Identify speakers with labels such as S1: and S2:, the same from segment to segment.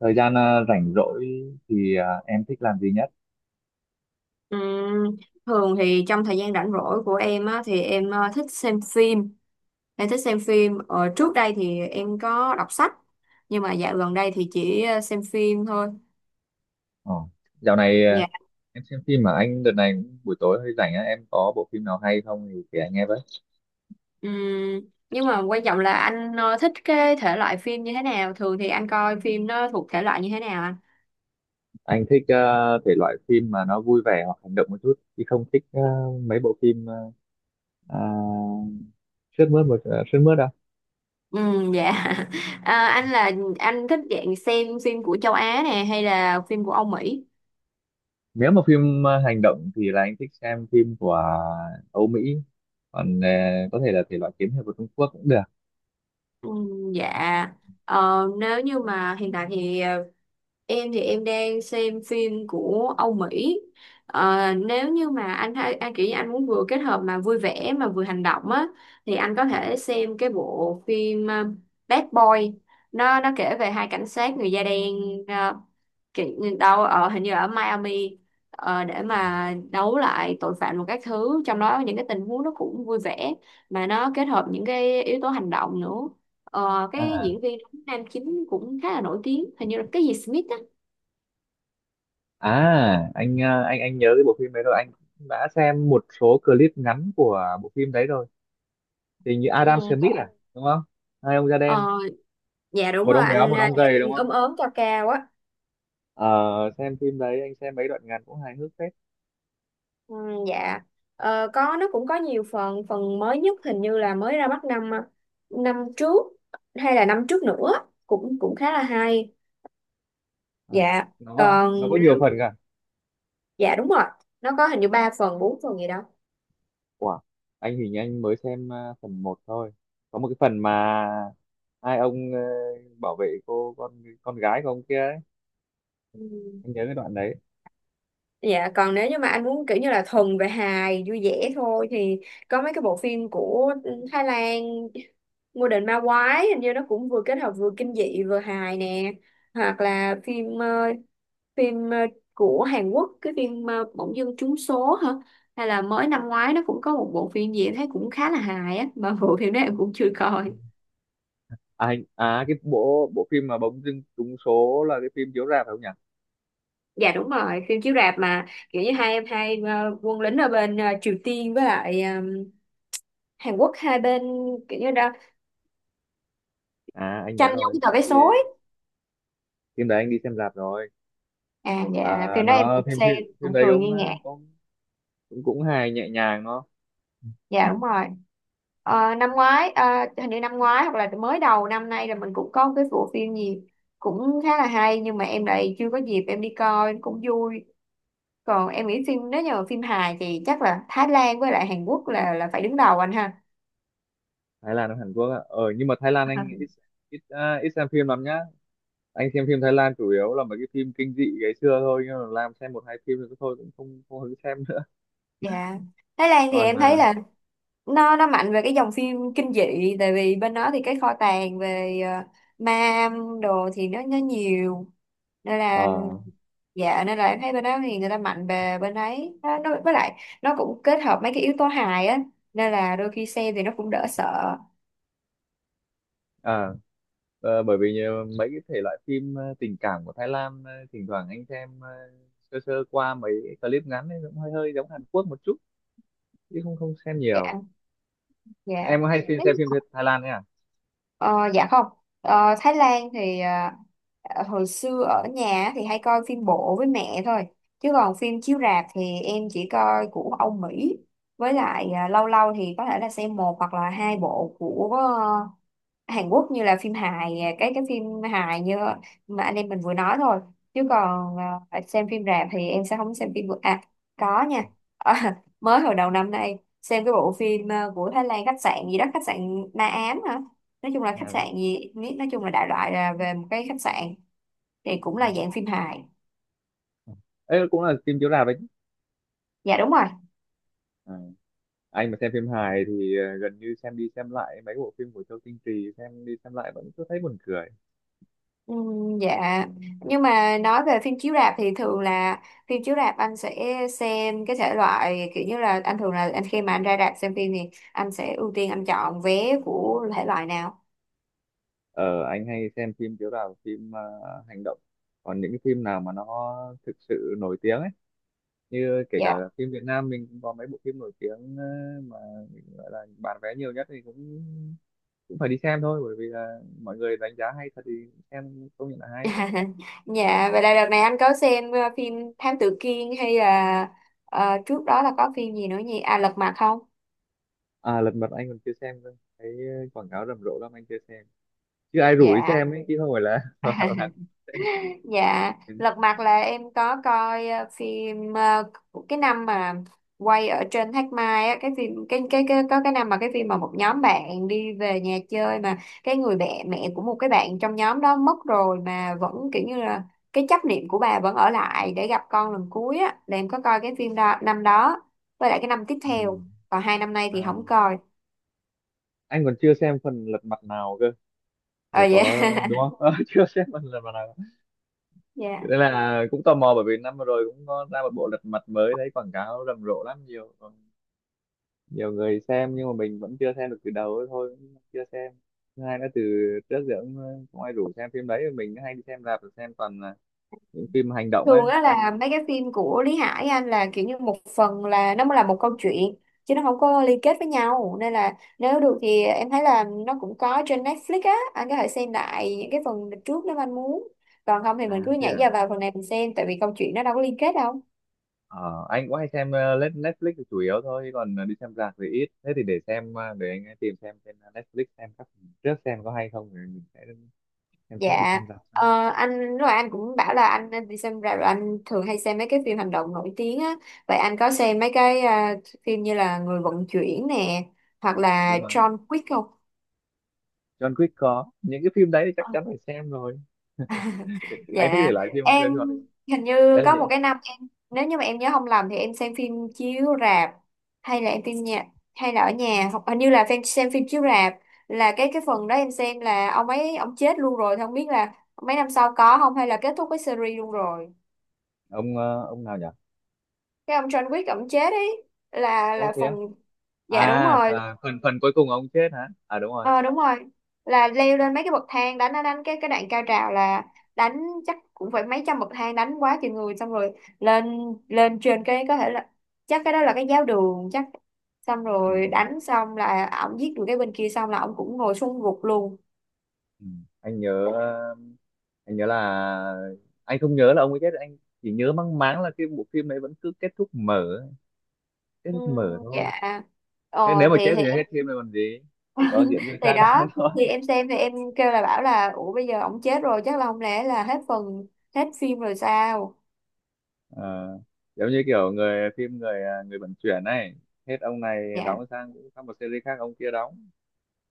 S1: Thời gian rảnh rỗi thì em thích làm gì nhất?
S2: Ừm, Thường thì trong thời gian rảnh rỗi của em á, thì em thích xem phim. Em thích xem phim. Ờ, Trước đây thì em có đọc sách, nhưng mà dạo gần đây thì chỉ xem phim thôi.
S1: ờ. Dạo này
S2: Dạ.
S1: em xem phim mà anh đợt này cũng buổi tối hơi rảnh á, em có bộ phim nào hay không thì kể anh nghe với.
S2: Ừm, nhưng mà quan trọng là anh thích cái thể loại phim như thế nào? Thường thì anh coi phim nó thuộc thể loại như thế nào anh?
S1: Anh thích thể loại phim mà nó vui vẻ hoặc hành động một chút, chứ không thích mấy bộ phim à, sướt mướt. Sướt mướt đâu.
S2: Dạ. Anh là anh thích dạng xem phim của châu Á nè hay là phim của Âu Mỹ?
S1: Nếu mà phim hành động thì là anh thích xem phim của Âu Mỹ, còn có thể là thể loại kiếm hiệp của Trung Quốc cũng được.
S2: Dạ. Nếu như mà hiện tại thì em thì em đang xem phim của Âu Mỹ. Nếu như mà anh hay anh kiểu như anh muốn vừa kết hợp mà vui vẻ mà vừa hành động á, thì anh có thể xem cái bộ phim Bad Boy. Nó kể về hai cảnh sát người da đen, ờ, kiểu đâu ở hình như ở Miami, để mà đấu lại tội phạm một các thứ, trong đó những cái tình huống nó cũng vui vẻ mà nó kết hợp những cái yếu tố hành động nữa. Ờ, cái
S1: à.
S2: diễn viên nam chính cũng khá là nổi tiếng, hình như là cái gì Smith á.
S1: À, anh anh nhớ cái bộ phim đấy rồi, anh cũng đã xem một số clip ngắn của bộ phim đấy rồi. Thì như Adam
S2: Ừ, dạ.
S1: Smith đúng không? Hai ông da đen,
S2: Ờ, dạ đúng
S1: một
S2: rồi
S1: ông béo,
S2: anh,
S1: một ông
S2: gia
S1: gầy đúng
S2: đình
S1: không?
S2: ốm ốm cao cao á.
S1: Ờ, xem phim đấy anh xem mấy đoạn ngắn cũng hài hước phết.
S2: Ừ, dạ. Ờ, có nó cũng có nhiều phần, phần mới nhất hình như là mới ra mắt năm năm trước hay là năm trước nữa, cũng cũng khá là hay.
S1: Ờ,
S2: Dạ.
S1: nó
S2: còn
S1: có nhiều phần cả.
S2: dạ đúng rồi, nó có hình như ba phần bốn phần gì đó.
S1: Wow, anh hình như anh mới xem phần một thôi. Có một cái phần mà hai ông bảo vệ cô con gái của ông kia ấy,
S2: Ừ.
S1: anh nhớ cái đoạn đấy.
S2: Dạ, còn nếu như mà anh muốn kiểu như là thuần về hài vui vẻ thôi, thì có mấy cái bộ phim của Thái Lan. Ngôi đền ma quái hình như nó cũng vừa kết hợp vừa kinh dị vừa hài nè, hoặc là phim phim của Hàn Quốc, cái phim Bỗng dưng trúng số hả, hay là mới năm ngoái nó cũng có một bộ phim gì em thấy cũng khá là hài á mà bộ phim đó em cũng chưa coi.
S1: À, anh- à cái bộ bộ phim mà bỗng dưng trúng số là cái phim chiếu rạp phải không nhỉ?
S2: Dạ đúng rồi, phim chiếu rạp mà kiểu như hai em hai quân lính ở bên Triều Tiên với lại Hàn Quốc, hai bên kiểu như đã
S1: À anh
S2: tranh
S1: nhớ
S2: nhau cái
S1: rồi,
S2: tờ vé
S1: anh đi
S2: số ấy.
S1: phim đấy, anh đi xem rạp rồi.
S2: À, dạ
S1: À,
S2: phim đó em
S1: nó
S2: cũng
S1: phim
S2: xem
S1: phim phim
S2: cũng
S1: đấy
S2: cười
S1: cũng
S2: nghi ngã.
S1: cũng cũng hài nhẹ nhàng nó.
S2: Dạ đúng rồi. Ờ, năm ngoái à, hình như năm ngoái hoặc là mới đầu năm nay là mình cũng có một cái bộ phim gì cũng khá là hay nhưng mà em lại chưa có dịp em đi coi, cũng vui. Còn em nghĩ phim nếu như mà phim hài thì chắc là Thái Lan với lại Hàn Quốc là phải đứng đầu anh ha.
S1: Thái Lan nó Hàn Quốc á, ờ nhưng mà Thái Lan anh ít ít à, ít xem phim lắm nhá. Anh xem phim Thái Lan chủ yếu là mấy cái phim kinh dị ngày xưa thôi, nhưng mà làm xem một hai phim rồi thôi, cũng không không hứng xem nữa.
S2: Dạ. Thái Lan thì
S1: Còn
S2: em thấy là nó mạnh về cái dòng phim kinh dị, tại vì bên đó thì cái kho tàng về ma đồ thì nó nhiều, nên là
S1: ờ,
S2: dạ nên là em thấy bên đó thì người ta mạnh về bên ấy, nó, với lại nó cũng kết hợp mấy cái yếu tố hài á, nên là đôi khi xem thì nó cũng đỡ sợ.
S1: à, bởi vì mấy cái thể loại phim tình cảm của Thái Lan, thỉnh thoảng anh xem sơ sơ qua mấy clip ngắn ấy, cũng hơi hơi giống Hàn Quốc một chút, chứ không không xem
S2: Dạ.
S1: nhiều.
S2: Dạ.
S1: Em có hay xem phim Thái Lan ấy
S2: Ờ, dạ không. Ờ, Thái Lan thì à, hồi xưa ở nhà thì hay coi phim bộ với mẹ thôi. Chứ còn phim chiếu rạp thì em chỉ coi của Âu Mỹ. Với lại à, lâu lâu thì có thể là xem một hoặc là hai bộ của ờ, Hàn Quốc như là phim hài, à, cái phim hài như mà anh em mình vừa nói thôi. Chứ còn à, xem phim rạp thì em sẽ không xem phim vừa. À, có nha. Ờ, mới hồi đầu năm nay xem cái bộ phim à, của Thái Lan khách sạn gì đó, khách sạn Na Ám hả? Nói chung là khách
S1: à?
S2: sạn gì, nói chung là đại loại là về một cái khách sạn, thì cũng
S1: Ừ,
S2: là dạng phim hài.
S1: ấy cũng là phim chiếu rạp đấy chứ.
S2: Dạ đúng rồi.
S1: À. Anh mà xem phim hài thì gần như xem đi xem lại mấy bộ phim của Châu Tinh Trì, xem đi xem lại vẫn cứ thấy buồn cười.
S2: Dạ. Nhưng mà nói về phim chiếu rạp thì thường là phim chiếu rạp anh sẽ xem cái thể loại kiểu như là anh thường là anh khi mà anh ra rạp xem phim thì anh sẽ ưu tiên anh chọn vé của thể loại nào?
S1: Ờ anh hay xem phim chiếu rạp, phim hành động, còn những cái phim nào mà nó thực sự nổi tiếng ấy, như kể cả
S2: Dạ.
S1: phim Việt Nam mình cũng có mấy bộ phim nổi tiếng mà mình gọi là bán vé nhiều nhất thì cũng cũng phải đi xem thôi, bởi vì là mọi người đánh giá hay thật thì xem công nhận là hay.
S2: Dạ vậy là đợt này anh có xem phim Thám Tử Kiên hay là trước đó là có phim gì nữa nhỉ, à Lật Mặt không?
S1: À lật mặt anh còn chưa xem cơ, thấy quảng cáo rầm rộ lắm anh chưa xem, chứ ai rủ đi
S2: Dạ.
S1: xem ấy chứ không phải là là
S2: Dạ,
S1: xem.
S2: Lật Mặt là em có coi phim của cái năm mà quay ở trên Thác Mai á, cái phim cái có cái năm mà cái phim mà một nhóm bạn đi về nhà chơi mà cái người mẹ mẹ của một cái bạn trong nhóm đó mất rồi mà vẫn kiểu như là cái chấp niệm của bà vẫn ở lại để gặp con lần cuối á, là em có coi cái phim đó năm đó với lại cái năm tiếp
S1: À,
S2: theo, còn hai năm nay thì không
S1: à.
S2: coi.
S1: Anh còn chưa xem phần lật mặt nào cơ rồi
S2: Ờ vậy.
S1: có đúng không. Ờ, chưa xem phần lật mặt nào,
S2: Dạ.
S1: nên là cũng tò mò bởi vì năm vừa rồi cũng có ra một bộ lật mặt mới, thấy quảng cáo rầm rộ lắm, nhiều nhiều người xem nhưng mà mình vẫn chưa xem được từ đầu ấy thôi, cũng chưa xem. Thứ hai nữa từ trước giờ cũng không ai rủ xem phim đấy, mình hay đi xem rạp xem toàn là những phim hành động
S2: Thường
S1: á
S2: á là
S1: xem.
S2: mấy cái phim của Lý Hải anh là kiểu như một phần là nó mới là một câu chuyện chứ nó không có liên kết với nhau, nên là nếu được thì em thấy là nó cũng có trên Netflix á, anh có thể xem lại những cái phần trước nếu anh muốn, còn không thì
S1: À
S2: mình cứ
S1: thế
S2: nhảy
S1: à.
S2: vào vào phần này mình xem, tại vì câu chuyện nó đâu có liên kết đâu.
S1: Ờ, anh cũng hay xem Netflix là chủ yếu thôi, chứ còn đi xem rạp thì ít. Thế thì để xem, để anh tìm xem trên Netflix xem các trước xem có hay không rồi mình sẽ xem xét đi
S2: Dạ.
S1: xem rạp sau.
S2: Ờ, anh lúc nãy anh cũng bảo là anh đi xem rạp rồi anh thường hay xem mấy cái phim hành động nổi tiếng á, vậy anh có xem mấy cái à, phim như là Người vận chuyển nè hoặc là
S1: Đúng rồi,
S2: John Wick không?
S1: John Wick, có những cái phim đấy thì chắc chắn phải xem rồi. Anh thích thể
S2: Dạ,
S1: loại phim
S2: em
S1: xem John Wick.
S2: hình như
S1: Đấy là
S2: có
S1: nhỉ.
S2: một cái năm em nếu như mà em nhớ không lầm thì em xem phim chiếu rạp hay là em phim nhà hay là ở nhà hoặc hình như là phim xem phim chiếu rạp, là cái phần đó em xem là ông ấy ông chết luôn rồi, thì không biết là mấy năm sau có không hay là kết thúc cái series luôn rồi.
S1: Ông ông nào nhỉ?
S2: Cái ông John Wick ông chết ấy, là
S1: Ô thế
S2: phần
S1: á.
S2: dạ đúng
S1: À,
S2: rồi
S1: à phần phần cuối cùng ông chết hả? À đúng rồi.
S2: ờ đúng rồi là leo lên mấy cái bậc thang đánh đánh đánh cái đoạn cao trào là đánh chắc cũng phải mấy trăm bậc thang đánh quá chừng người, xong rồi lên, lên trên cái có thể là chắc cái đó là cái giáo đường chắc, xong
S1: Ừ.
S2: rồi đánh xong là ổng giết được cái bên kia, xong là ổng cũng ngồi xuống gục luôn.
S1: Ừ. Anh nhớ anh nhớ là anh không nhớ là ông ấy chết, anh chỉ nhớ mang máng là cái bộ phim đấy vẫn cứ kết thúc mở, kết
S2: Ừ,
S1: thúc mở thôi.
S2: dạ.
S1: Thế nếu
S2: ờ
S1: mà
S2: thì
S1: chết
S2: thì
S1: thì hết phim rồi còn gì, chỉ có diễn viên
S2: thì
S1: khác đóng
S2: đó
S1: thôi.
S2: thì em xem thì em kêu là bảo là ủa bây giờ ổng chết rồi chắc là không lẽ là hết phần, hết phim rồi sao.
S1: Ờ, giống như kiểu người phim người à, người vận chuyển này, hết ông này
S2: Dạ.
S1: đóng sang sang một series khác ông kia đóng.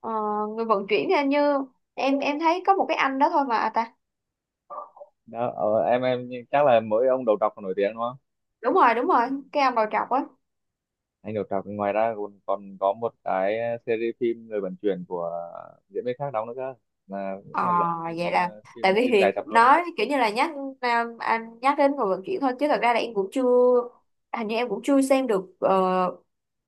S2: Ờ, người vận chuyển thì hình như em thấy có một cái anh đó thôi mà à, ta
S1: Đó em chắc là mỗi ông đầu trọc còn nổi tiếng đúng không?
S2: đúng rồi cái ông đầu trọc á.
S1: Anh đầu trọc ngoài ra còn còn có một cái series phim người vận chuyển của diễn viên khác đóng nữa cơ, là
S2: Ờ
S1: cũng là giải phim
S2: vậy là
S1: ờ,
S2: tại
S1: phim
S2: vì
S1: phim dài
S2: thì
S1: tập luôn ấy.
S2: nói kiểu như là nhắc à, anh nhắc đến người vận chuyển thôi chứ thật ra là em cũng chưa, hình như em cũng chưa xem được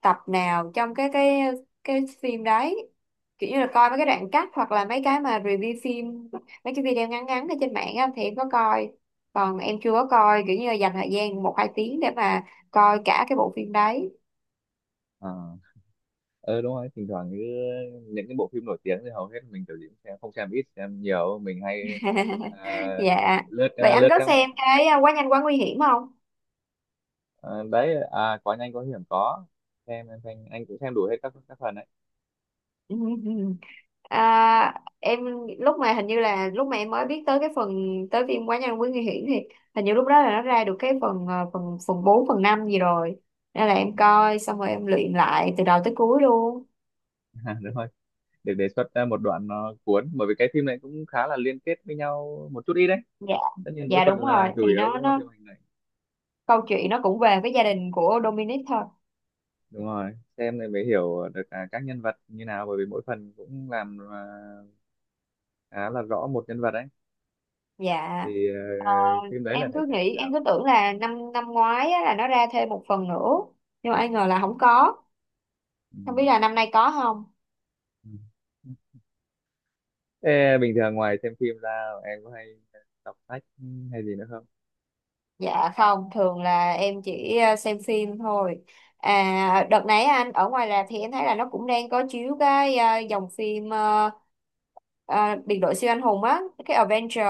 S2: tập nào trong cái phim đấy, kiểu như là coi mấy cái đoạn cắt hoặc là mấy cái mà review phim, mấy cái video ngắn ngắn ở trên mạng á, thì em có coi, còn em chưa có coi kiểu như là dành thời gian một hai tiếng để mà coi cả cái bộ phim đấy.
S1: Ờ. Ờ đúng rồi thỉnh thoảng cứ những cái bộ phim nổi tiếng thì hầu hết mình kiểu gì cũng xem, không xem ít xem nhiều mình hay à,
S2: Dạ
S1: lướt
S2: vậy
S1: lướt
S2: anh có
S1: các mạng.
S2: xem cái à, quá nhanh quá nguy hiểm không?
S1: Đấy có nhanh có hiểm có. Xem em xem anh cũng xem đủ hết các phần đấy.
S2: À, em lúc mà hình như là lúc mà em mới biết tới cái phần tới phim quá nhanh quá nguy hiểm thì hình như lúc đó là nó ra được cái phần à, phần phần 4 phần 5 gì rồi, nên là em coi xong rồi em luyện lại từ đầu tới cuối luôn.
S1: À, đúng rồi, được đề xuất ra một đoạn nó cuốn, bởi vì cái phim này cũng khá là liên kết với nhau một chút ít đấy.
S2: Dạ.
S1: Tất nhiên mỗi
S2: Dạ
S1: phần
S2: đúng rồi,
S1: là chủ
S2: thì
S1: yếu
S2: nó
S1: cũng là
S2: nó
S1: phim hành này.
S2: câu chuyện nó cũng về cái gia đình của Dominic thôi.
S1: Đúng rồi, xem này mới hiểu được các nhân vật như nào, bởi vì mỗi phần cũng làm khá là rõ một nhân vật đấy.
S2: Dạ.
S1: Thì ờ,
S2: Ờ,
S1: phim đấy là
S2: em
S1: phải
S2: cứ
S1: xem từ
S2: nghĩ
S1: đầu.
S2: em cứ tưởng là năm năm ngoái á, là nó ra thêm một phần nữa nhưng mà ai ngờ là không có.
S1: Ừ.
S2: Không biết là năm nay có không?
S1: Ừ. Ê, bình thường ngoài xem phim ra em có hay đọc sách hay gì nữa không?
S2: Dạ không, thường là em chỉ xem phim thôi. À, đợt nãy anh ở ngoài rạp thì em thấy là nó cũng đang có chiếu cái dòng phim biệt đội siêu anh hùng á, cái Avenger,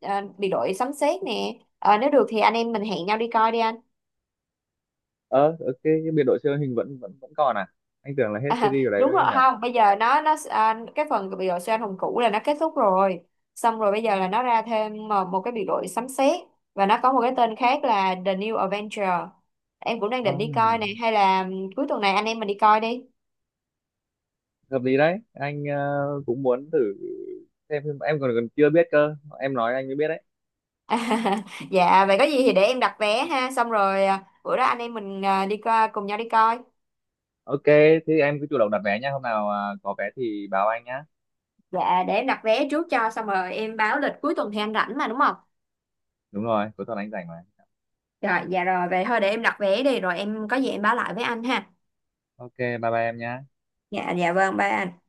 S2: biệt đội sấm sét nè. Ờ, nếu được thì anh em mình hẹn nhau đi coi đi anh.
S1: Ờ, ok, cái biệt đội siêu hình vẫn vẫn vẫn còn à? Anh tưởng là hết
S2: À,
S1: series ở đấy
S2: đúng
S1: đâu
S2: rồi,
S1: chứ nhỉ?
S2: không bây giờ nó à, cái phần biệt đội siêu anh hùng cũ là nó kết thúc rồi, xong rồi bây giờ là nó ra thêm một, cái biệt đội sấm sét, và nó có một cái tên khác là The New Avenger. Em cũng đang
S1: À,
S2: định đi coi này hay là ừ, cuối tuần này anh em mình đi coi đi.
S1: hợp lý đấy. Anh cũng muốn thử xem phim. Em còn còn chưa biết cơ. Em nói anh mới biết đấy.
S2: Dạ vậy có gì thì để em đặt vé ha, xong rồi à, bữa đó anh em mình à, đi coi, cùng nhau đi coi.
S1: Ok, thế em cứ chủ động đặt vé nha. Hôm nào có vé thì báo anh nhá.
S2: Dạ để em đặt vé trước cho xong rồi em báo lịch, cuối tuần thì anh rảnh mà đúng không?
S1: Đúng rồi, cuối tuần anh rảnh mà.
S2: Rồi dạ rồi vậy thôi để em đặt vé đi rồi em có gì em báo lại với anh ha.
S1: Ok, bye bye em nhá.
S2: Dạ dạ vâng bye anh.